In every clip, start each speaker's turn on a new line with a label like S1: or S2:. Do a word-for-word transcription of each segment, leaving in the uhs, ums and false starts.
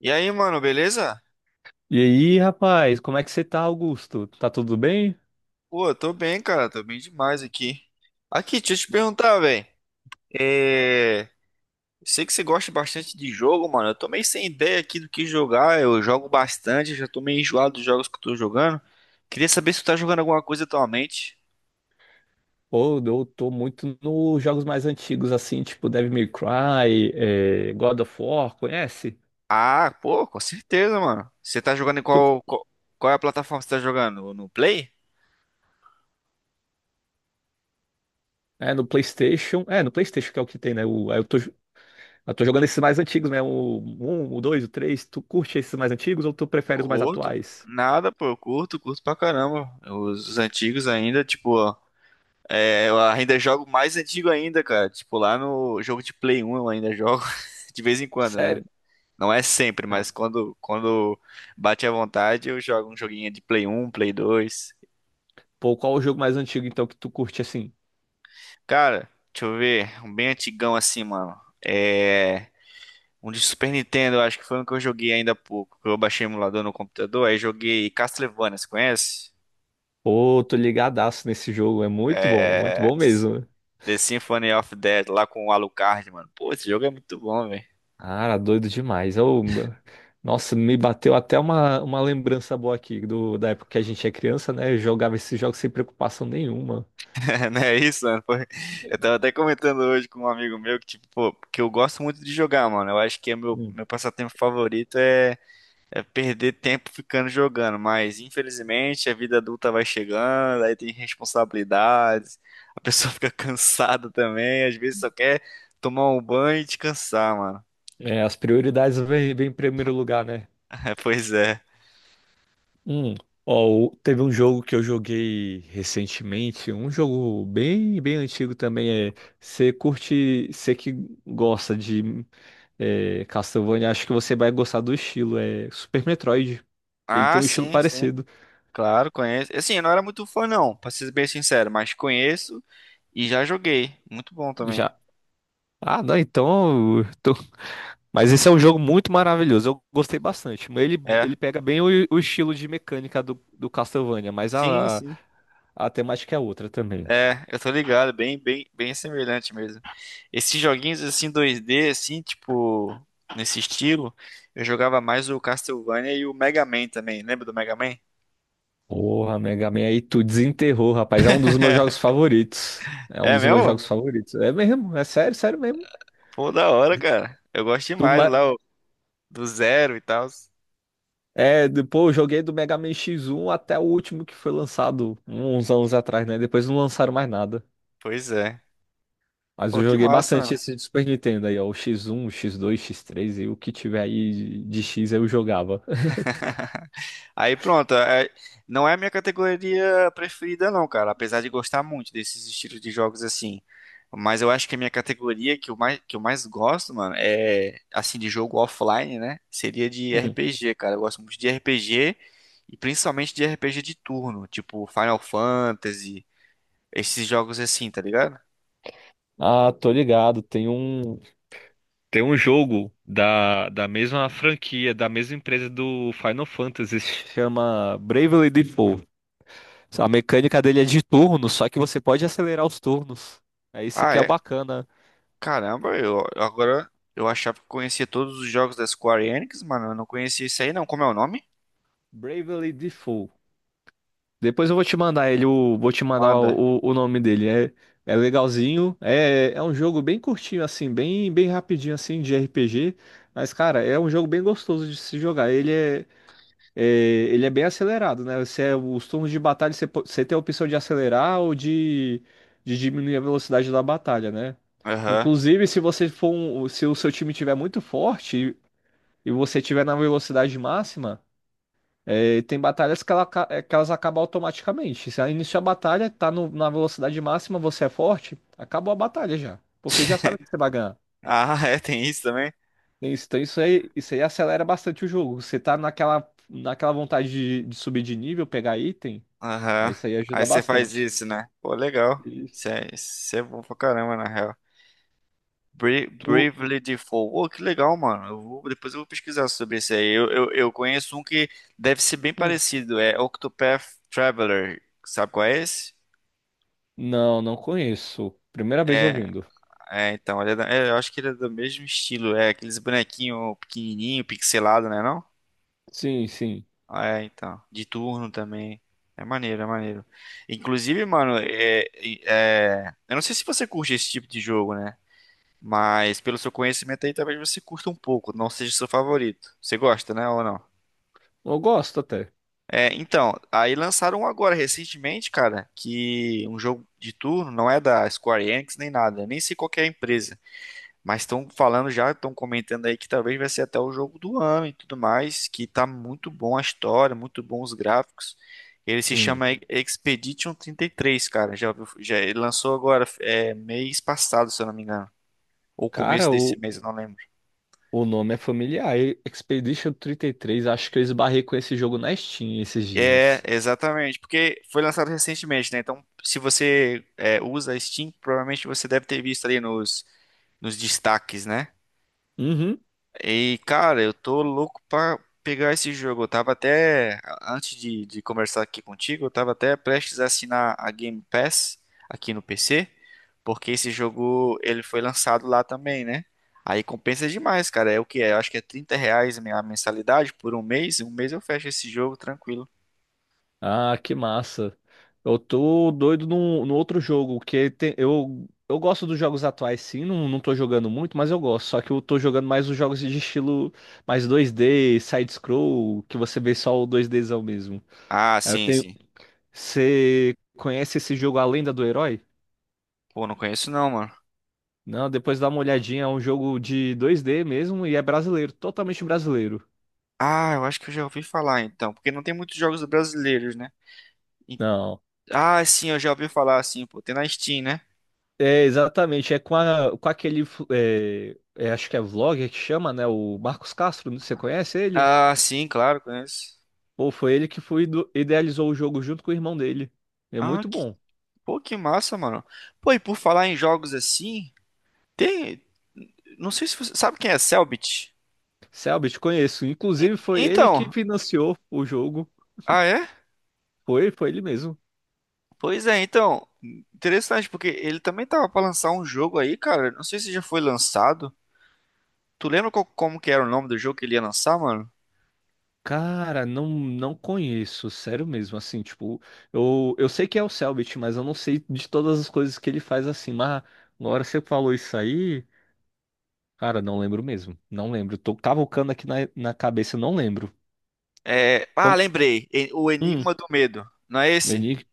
S1: E aí, mano, beleza?
S2: E aí, rapaz, como é que você tá, Augusto? Tá tudo bem?
S1: Pô, eu tô bem, cara, tô bem demais aqui. Aqui, deixa eu te perguntar, velho. É... eu Sei que você gosta bastante de jogo, mano. Eu tô meio sem ideia aqui do que jogar. Eu jogo bastante, já tô meio enjoado dos jogos que eu tô jogando. Queria saber se tu tá jogando alguma coisa atualmente.
S2: Pô, eu tô muito nos jogos mais antigos, assim, tipo Devil May Cry, é, God of War, conhece?
S1: Ah, pô, com certeza, mano. Você tá jogando em
S2: Tô, co-
S1: qual, qual, qual é a plataforma que você tá jogando? No Play?
S2: é, no PlayStation. É, no PlayStation que é o que tem, né? O, aí eu tô eu tô jogando esses mais antigos mesmo, o um, o dois, o três. Tu curte esses mais antigos ou tu prefere os mais
S1: Curto?
S2: atuais?
S1: Nada, pô, eu curto, curto pra caramba. Os antigos ainda, tipo. É, eu ainda jogo mais antigo ainda, cara. Tipo, lá no jogo de Play um eu ainda jogo de vez em quando, né?
S2: Sério?
S1: Não é sempre,
S2: Ah,
S1: mas quando, quando bate à vontade, eu jogo um joguinho de Play um, Play dois.
S2: pô, qual o jogo mais antigo então que tu curte assim?
S1: Cara, deixa eu ver, um bem antigão assim, mano. É. Um de Super Nintendo, eu acho que foi um que eu joguei ainda há pouco. Eu baixei o emulador no computador, aí joguei Castlevania, você conhece?
S2: Pô, tô ligadaço nesse jogo, é muito bom, muito
S1: É.
S2: bom mesmo.
S1: The Symphony of Death, lá com o Alucard, mano. Pô, esse jogo é muito bom, velho.
S2: Cara, doido demais. Eu- nossa, me bateu até uma, uma lembrança boa aqui do, da época que a gente é criança, né? Eu jogava esses jogos sem preocupação nenhuma.
S1: É, não é isso, mano? Foi- Eu tava até comentando hoje com um amigo meu que, tipo, pô, que eu gosto muito de jogar, mano. Eu acho que é meu,
S2: Hum.
S1: meu passatempo favorito é, é perder tempo ficando jogando, mas infelizmente a vida adulta vai chegando, aí tem responsabilidades, a pessoa fica cansada também, às vezes só quer tomar um banho e descansar, mano.
S2: É, as prioridades vêm vêm em primeiro lugar, né?
S1: Pois é.
S2: Hum. Ó, o- teve um jogo que eu joguei recentemente, um jogo bem, bem antigo também. É, você curte, você que gosta de é, Castlevania, acho que você vai gostar do estilo. É Super Metroid. Ele
S1: Ah,
S2: tem um estilo
S1: sim, sim.
S2: parecido.
S1: Claro, conheço. Assim, eu não era muito fã, não, pra ser bem sincero, mas conheço e já joguei. Muito bom também.
S2: Já. Ah, não, então. Eu tô- Mas esse é um jogo muito maravilhoso. Eu gostei bastante. Mas ele,
S1: É.
S2: ele pega bem o, o estilo de mecânica do, do Castlevania, mas
S1: Sim,
S2: a,
S1: sim.
S2: a temática é outra também.
S1: É, eu tô ligado, bem, bem, bem semelhante mesmo. Esses joguinhos assim dois D, assim, tipo, nesse estilo, eu jogava mais o Castlevania e o Mega Man também. Lembra do Mega Man?
S2: Porra, Mega Man, aí tu desenterrou, rapaz. É um dos meus jogos favoritos. É um
S1: É
S2: dos meus jogos
S1: mesmo?
S2: favoritos. É mesmo, é sério, sério mesmo.
S1: Pô, da hora, cara. Eu gosto
S2: Tu
S1: demais
S2: ma-
S1: lá, ó, do Zero e tal.
S2: É, depois eu joguei do Mega Man X um até o último que foi lançado uns anos atrás, né? Depois não lançaram mais nada.
S1: Pois é.
S2: Mas
S1: Pô,
S2: eu
S1: que
S2: joguei
S1: massa.
S2: bastante esse de Super Nintendo aí, ó. O X um, o X dois, X três e o que tiver aí de de X eu jogava.
S1: Aí pronto, é- não é a minha categoria preferida não, cara, apesar de gostar muito desses estilos de jogos assim. Mas eu acho que a minha categoria que eu mais, que eu mais gosto, mano, é assim de jogo offline, né? Seria de
S2: Hum.
S1: R P G, cara. Eu gosto muito de R P G e principalmente de R P G de turno, tipo Final Fantasy, esses jogos assim, tá ligado?
S2: Ah, tô ligado. Tem um. Tem um jogo da, da mesma franquia, da mesma empresa do Final Fantasy, se chama Bravely Default. A mecânica dele é de turno, só que você pode acelerar os turnos. É isso
S1: Ah,
S2: que é
S1: é.
S2: bacana.
S1: Caramba, eu eu agora eu achava que conhecia todos os jogos da Square Enix, mano, eu não conhecia isso aí não. Como é o nome?
S2: Bravely Default. Depois eu vou te mandar ele, o, vou te mandar
S1: Manda.
S2: o, o nome dele. É, é legalzinho. É, é um jogo bem curtinho, assim, bem, bem rapidinho, assim, de R P G. Mas, cara, é um jogo bem gostoso de se jogar. Ele é. É, ele é bem acelerado, né? Você, é, os turnos de batalha, você, po- você tem a opção de acelerar ou de, de diminuir a velocidade da batalha, né?
S1: Aham.
S2: Inclusive, se você for um- se o seu time tiver muito forte e, e você tiver na velocidade máxima, é, tem batalhas que, ela aca- é, que elas acabam automaticamente. Se iniciar a batalha, tá no- na velocidade máxima, você é forte, acabou a batalha já. Porque já sabe que você vai ganhar.
S1: Ah, é, tem isso também?
S2: É isso, Então isso aí, isso aí acelera bastante o jogo. Você tá naquela, naquela vontade de, de subir de nível, pegar item. Aí
S1: Aham.
S2: isso aí
S1: Aí
S2: ajuda
S1: você faz
S2: bastante.
S1: isso, né? Pô, legal. Isso
S2: Isso.
S1: é, isso é bom pra caramba, na real. Bra-
S2: Tu.
S1: Bravely Default. Pô, que legal, mano. Eu vou- depois eu vou pesquisar sobre isso aí. Eu, eu, eu conheço um que deve ser bem
S2: Hum.
S1: parecido. É Octopath Traveler. Sabe qual é esse?
S2: Não, não conheço. Primeira vez
S1: É,
S2: ouvindo.
S1: é então. Ele é da- é, eu acho que ele é do mesmo estilo. É aqueles bonequinhos pequenininho, pixelado, né? não?
S2: Sim, sim.
S1: Ah, é, então. De turno também. É maneiro, é maneiro. Inclusive, mano, é, é- eu não sei se você curte esse tipo de jogo, né? Mas pelo seu conhecimento aí, talvez você curta um pouco, não seja seu favorito. Você gosta, né, ou não?
S2: Eu gosto até.
S1: É, então, aí lançaram um agora recentemente, cara, que um jogo de turno não é da Square Enix nem nada, nem sei qual que é a empresa. Mas estão falando já, estão comentando aí que talvez vai ser até o jogo do ano e tudo mais, que tá muito bom a história, muito bom os gráficos. Ele se
S2: Hum.
S1: chama E- Expedition trinta e três, cara. Já, ouviu- já ele lançou agora, é, mês passado, se eu não me engano. Ou começo
S2: Cara,
S1: desse
S2: o,
S1: mês, eu não lembro.
S2: o nome é familiar. E- Expedition trinta e três. Acho que eu esbarrei com esse jogo na Steam esses
S1: É,
S2: dias.
S1: exatamente, porque foi lançado recentemente, né? Então, se você é, usa a Steam, provavelmente você deve ter visto ali nos, nos destaques, né?
S2: Uhum.
S1: E, cara, eu tô louco pra pegar esse jogo. Eu tava até, antes de, de conversar aqui contigo, eu tava até prestes a assinar a Game Pass aqui no P C, porque esse jogo, ele foi lançado lá também, né? Aí compensa demais, cara. É o que é? Eu acho que é trinta reais a minha mensalidade por um mês. Um mês eu fecho esse jogo tranquilo.
S2: Ah, que massa. Eu tô doido no, no outro jogo, que tem- eu, eu gosto dos jogos atuais, sim, não, não tô jogando muito, mas eu gosto. Só que eu tô jogando mais os jogos de estilo mais dois d side-scroll, que você vê só o 2Dzão mesmo.
S1: Ah,
S2: Aí eu
S1: sim,
S2: tenho.
S1: sim.
S2: Você conhece esse jogo A Lenda do Herói?
S1: Pô, não conheço não, mano.
S2: Não, depois dá uma olhadinha, é um jogo de dois d mesmo e é brasileiro, totalmente brasileiro.
S1: Ah, eu acho que eu já ouvi falar então, porque não tem muitos jogos brasileiros, né? E-
S2: Não.
S1: Ah, sim, eu já ouvi falar assim, pô, tem na Steam, né?
S2: É, exatamente. É com, a- com aquele. Fu- É, é, acho que é vlogger que chama, né? O Marcos Castro. não- Você conhece ele?
S1: Ah, sim, claro, conheço.
S2: Ou foi ele que foi, ido- idealizou o jogo junto com o irmão dele. É
S1: Ah,
S2: muito
S1: que,
S2: bom.
S1: pô, que massa, mano. Pô, e por falar em jogos assim, tem. Não sei se você sabe quem é Cellbit.
S2: Selbit, conheço.
S1: E-
S2: Inclusive, foi ele que
S1: então,
S2: financiou o jogo.
S1: ah, é?
S2: Foi, foi ele mesmo.
S1: Pois é, então. Interessante, porque ele também tava pra lançar um jogo aí, cara. Não sei se já foi lançado. Tu lembra qual- como que era o nome do jogo que ele ia lançar, mano?
S2: Cara, não, não conheço. Sério mesmo. Assim, tipo, eu, eu sei que é o Selbit, mas eu não sei de todas as coisas que ele faz assim. Mas agora você falou isso aí. Cara, não lembro mesmo. Não lembro. Tô cavucando aqui na, na cabeça, não lembro.
S1: É, ah,
S2: Como?
S1: lembrei. E- O
S2: Hum,
S1: Enigma do Medo. Não é esse?
S2: Eni-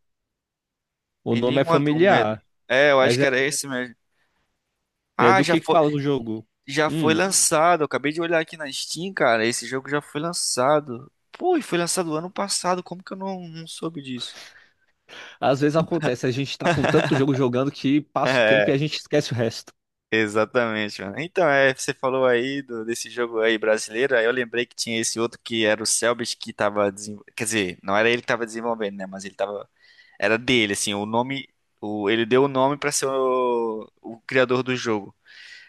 S2: o nome é
S1: Enigma do Medo.
S2: familiar,
S1: É, eu acho
S2: mas
S1: que
S2: é,
S1: era esse mesmo.
S2: é
S1: Ah,
S2: do
S1: já
S2: que que
S1: foi.
S2: fala o jogo?
S1: Já foi
S2: Hum,
S1: lançado, eu acabei de olhar aqui na Steam, cara. Esse jogo já foi lançado. Pô, e foi lançado ano passado, como que eu não, não soube disso?
S2: às vezes acontece, a gente tá com tanto jogo jogando que passa o tempo
S1: É,
S2: e a gente esquece o resto.
S1: exatamente, mano. Então, é, você falou aí do- desse jogo aí brasileiro, aí eu lembrei que tinha esse outro que era o Cellbit que tava desenvolvendo. Quer dizer, não era ele que tava desenvolvendo, né? Mas ele tava. Era dele, assim, o nome. O, ele deu o nome pra ser o, o criador do jogo.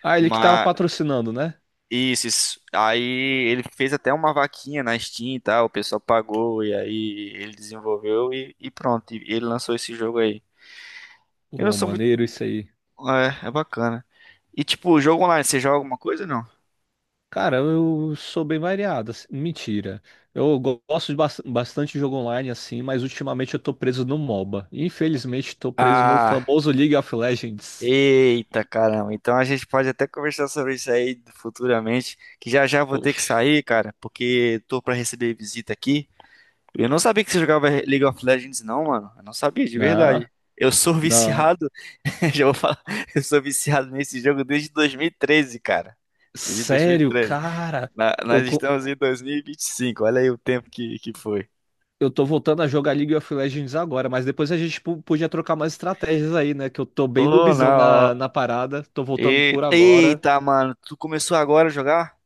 S2: Ah, ele que tava
S1: Mas
S2: patrocinando, né?
S1: Isso, isso. Aí ele fez até uma vaquinha na Steam e tal, o pessoal pagou e aí ele desenvolveu e, e pronto, e ele lançou esse jogo aí. Eu não
S2: Pô,
S1: sou muito.
S2: maneiro isso aí.
S1: É, é bacana. E tipo, o jogo online, você joga alguma coisa ou não?
S2: Cara, eu sou bem variado, assim, mentira. Eu go- gosto de bas- bastante de jogo online, assim, mas ultimamente eu tô preso no MOBA. Infelizmente, tô preso no
S1: Ah,
S2: famoso League of Legends.
S1: eita caramba. Então a gente pode até conversar sobre isso aí futuramente, que já já vou ter que
S2: Poxa.
S1: sair, cara, porque tô pra receber visita aqui. Eu não sabia que você jogava League of Legends, não, mano. Eu não sabia, de
S2: Não,
S1: verdade. Eu sou
S2: não.
S1: viciado. Já vou falar, eu sou viciado nesse jogo desde dois mil e treze, cara. Desde
S2: Sério,
S1: dois mil e treze.
S2: cara.
S1: Na-
S2: Eu,
S1: nós
S2: co-
S1: estamos em dois mil e vinte e cinco, olha aí o tempo que, que foi.
S2: eu tô voltando a jogar League of Legends agora, mas depois a gente po- podia trocar mais estratégias aí, né? Que eu tô bem
S1: Oh,
S2: noobzão
S1: não.
S2: na, na
S1: Ó.
S2: parada. Tô voltando
S1: E-
S2: por agora.
S1: Eita, mano, tu começou agora a jogar?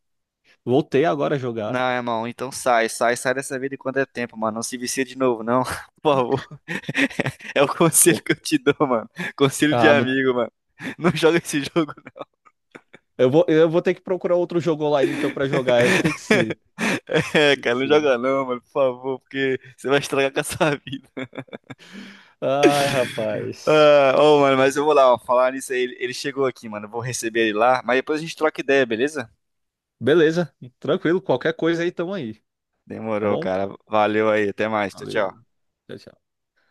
S2: Voltei agora a
S1: Não,
S2: jogar.
S1: irmão, então sai, sai, sai dessa vida enquanto é tempo, mano. Não se vicia de novo, não. Por favor. É o conselho
S2: O-
S1: que eu te dou, mano. Conselho de
S2: Ah, não-
S1: amigo, mano. Não joga esse jogo.
S2: eu vou, eu vou ter que procurar outro jogo online então pra jogar. Tem que ser.
S1: É,
S2: Tem que
S1: cara, não
S2: ser.
S1: joga não, mano, por favor, porque você vai estragar com a sua vida.
S2: Ai, rapaz.
S1: Ah, ô, mano, mas eu vou lá, ó, falar nisso aí. Ele ele chegou aqui, mano. Eu vou receber ele lá, mas depois a gente troca ideia, beleza?
S2: Beleza, tranquilo. Qualquer coisa aí, tamo aí. Tá
S1: Demorou,
S2: bom?
S1: cara. Valeu aí, até mais. Tchau,
S2: Valeu.
S1: tchau.
S2: Tchau, tchau.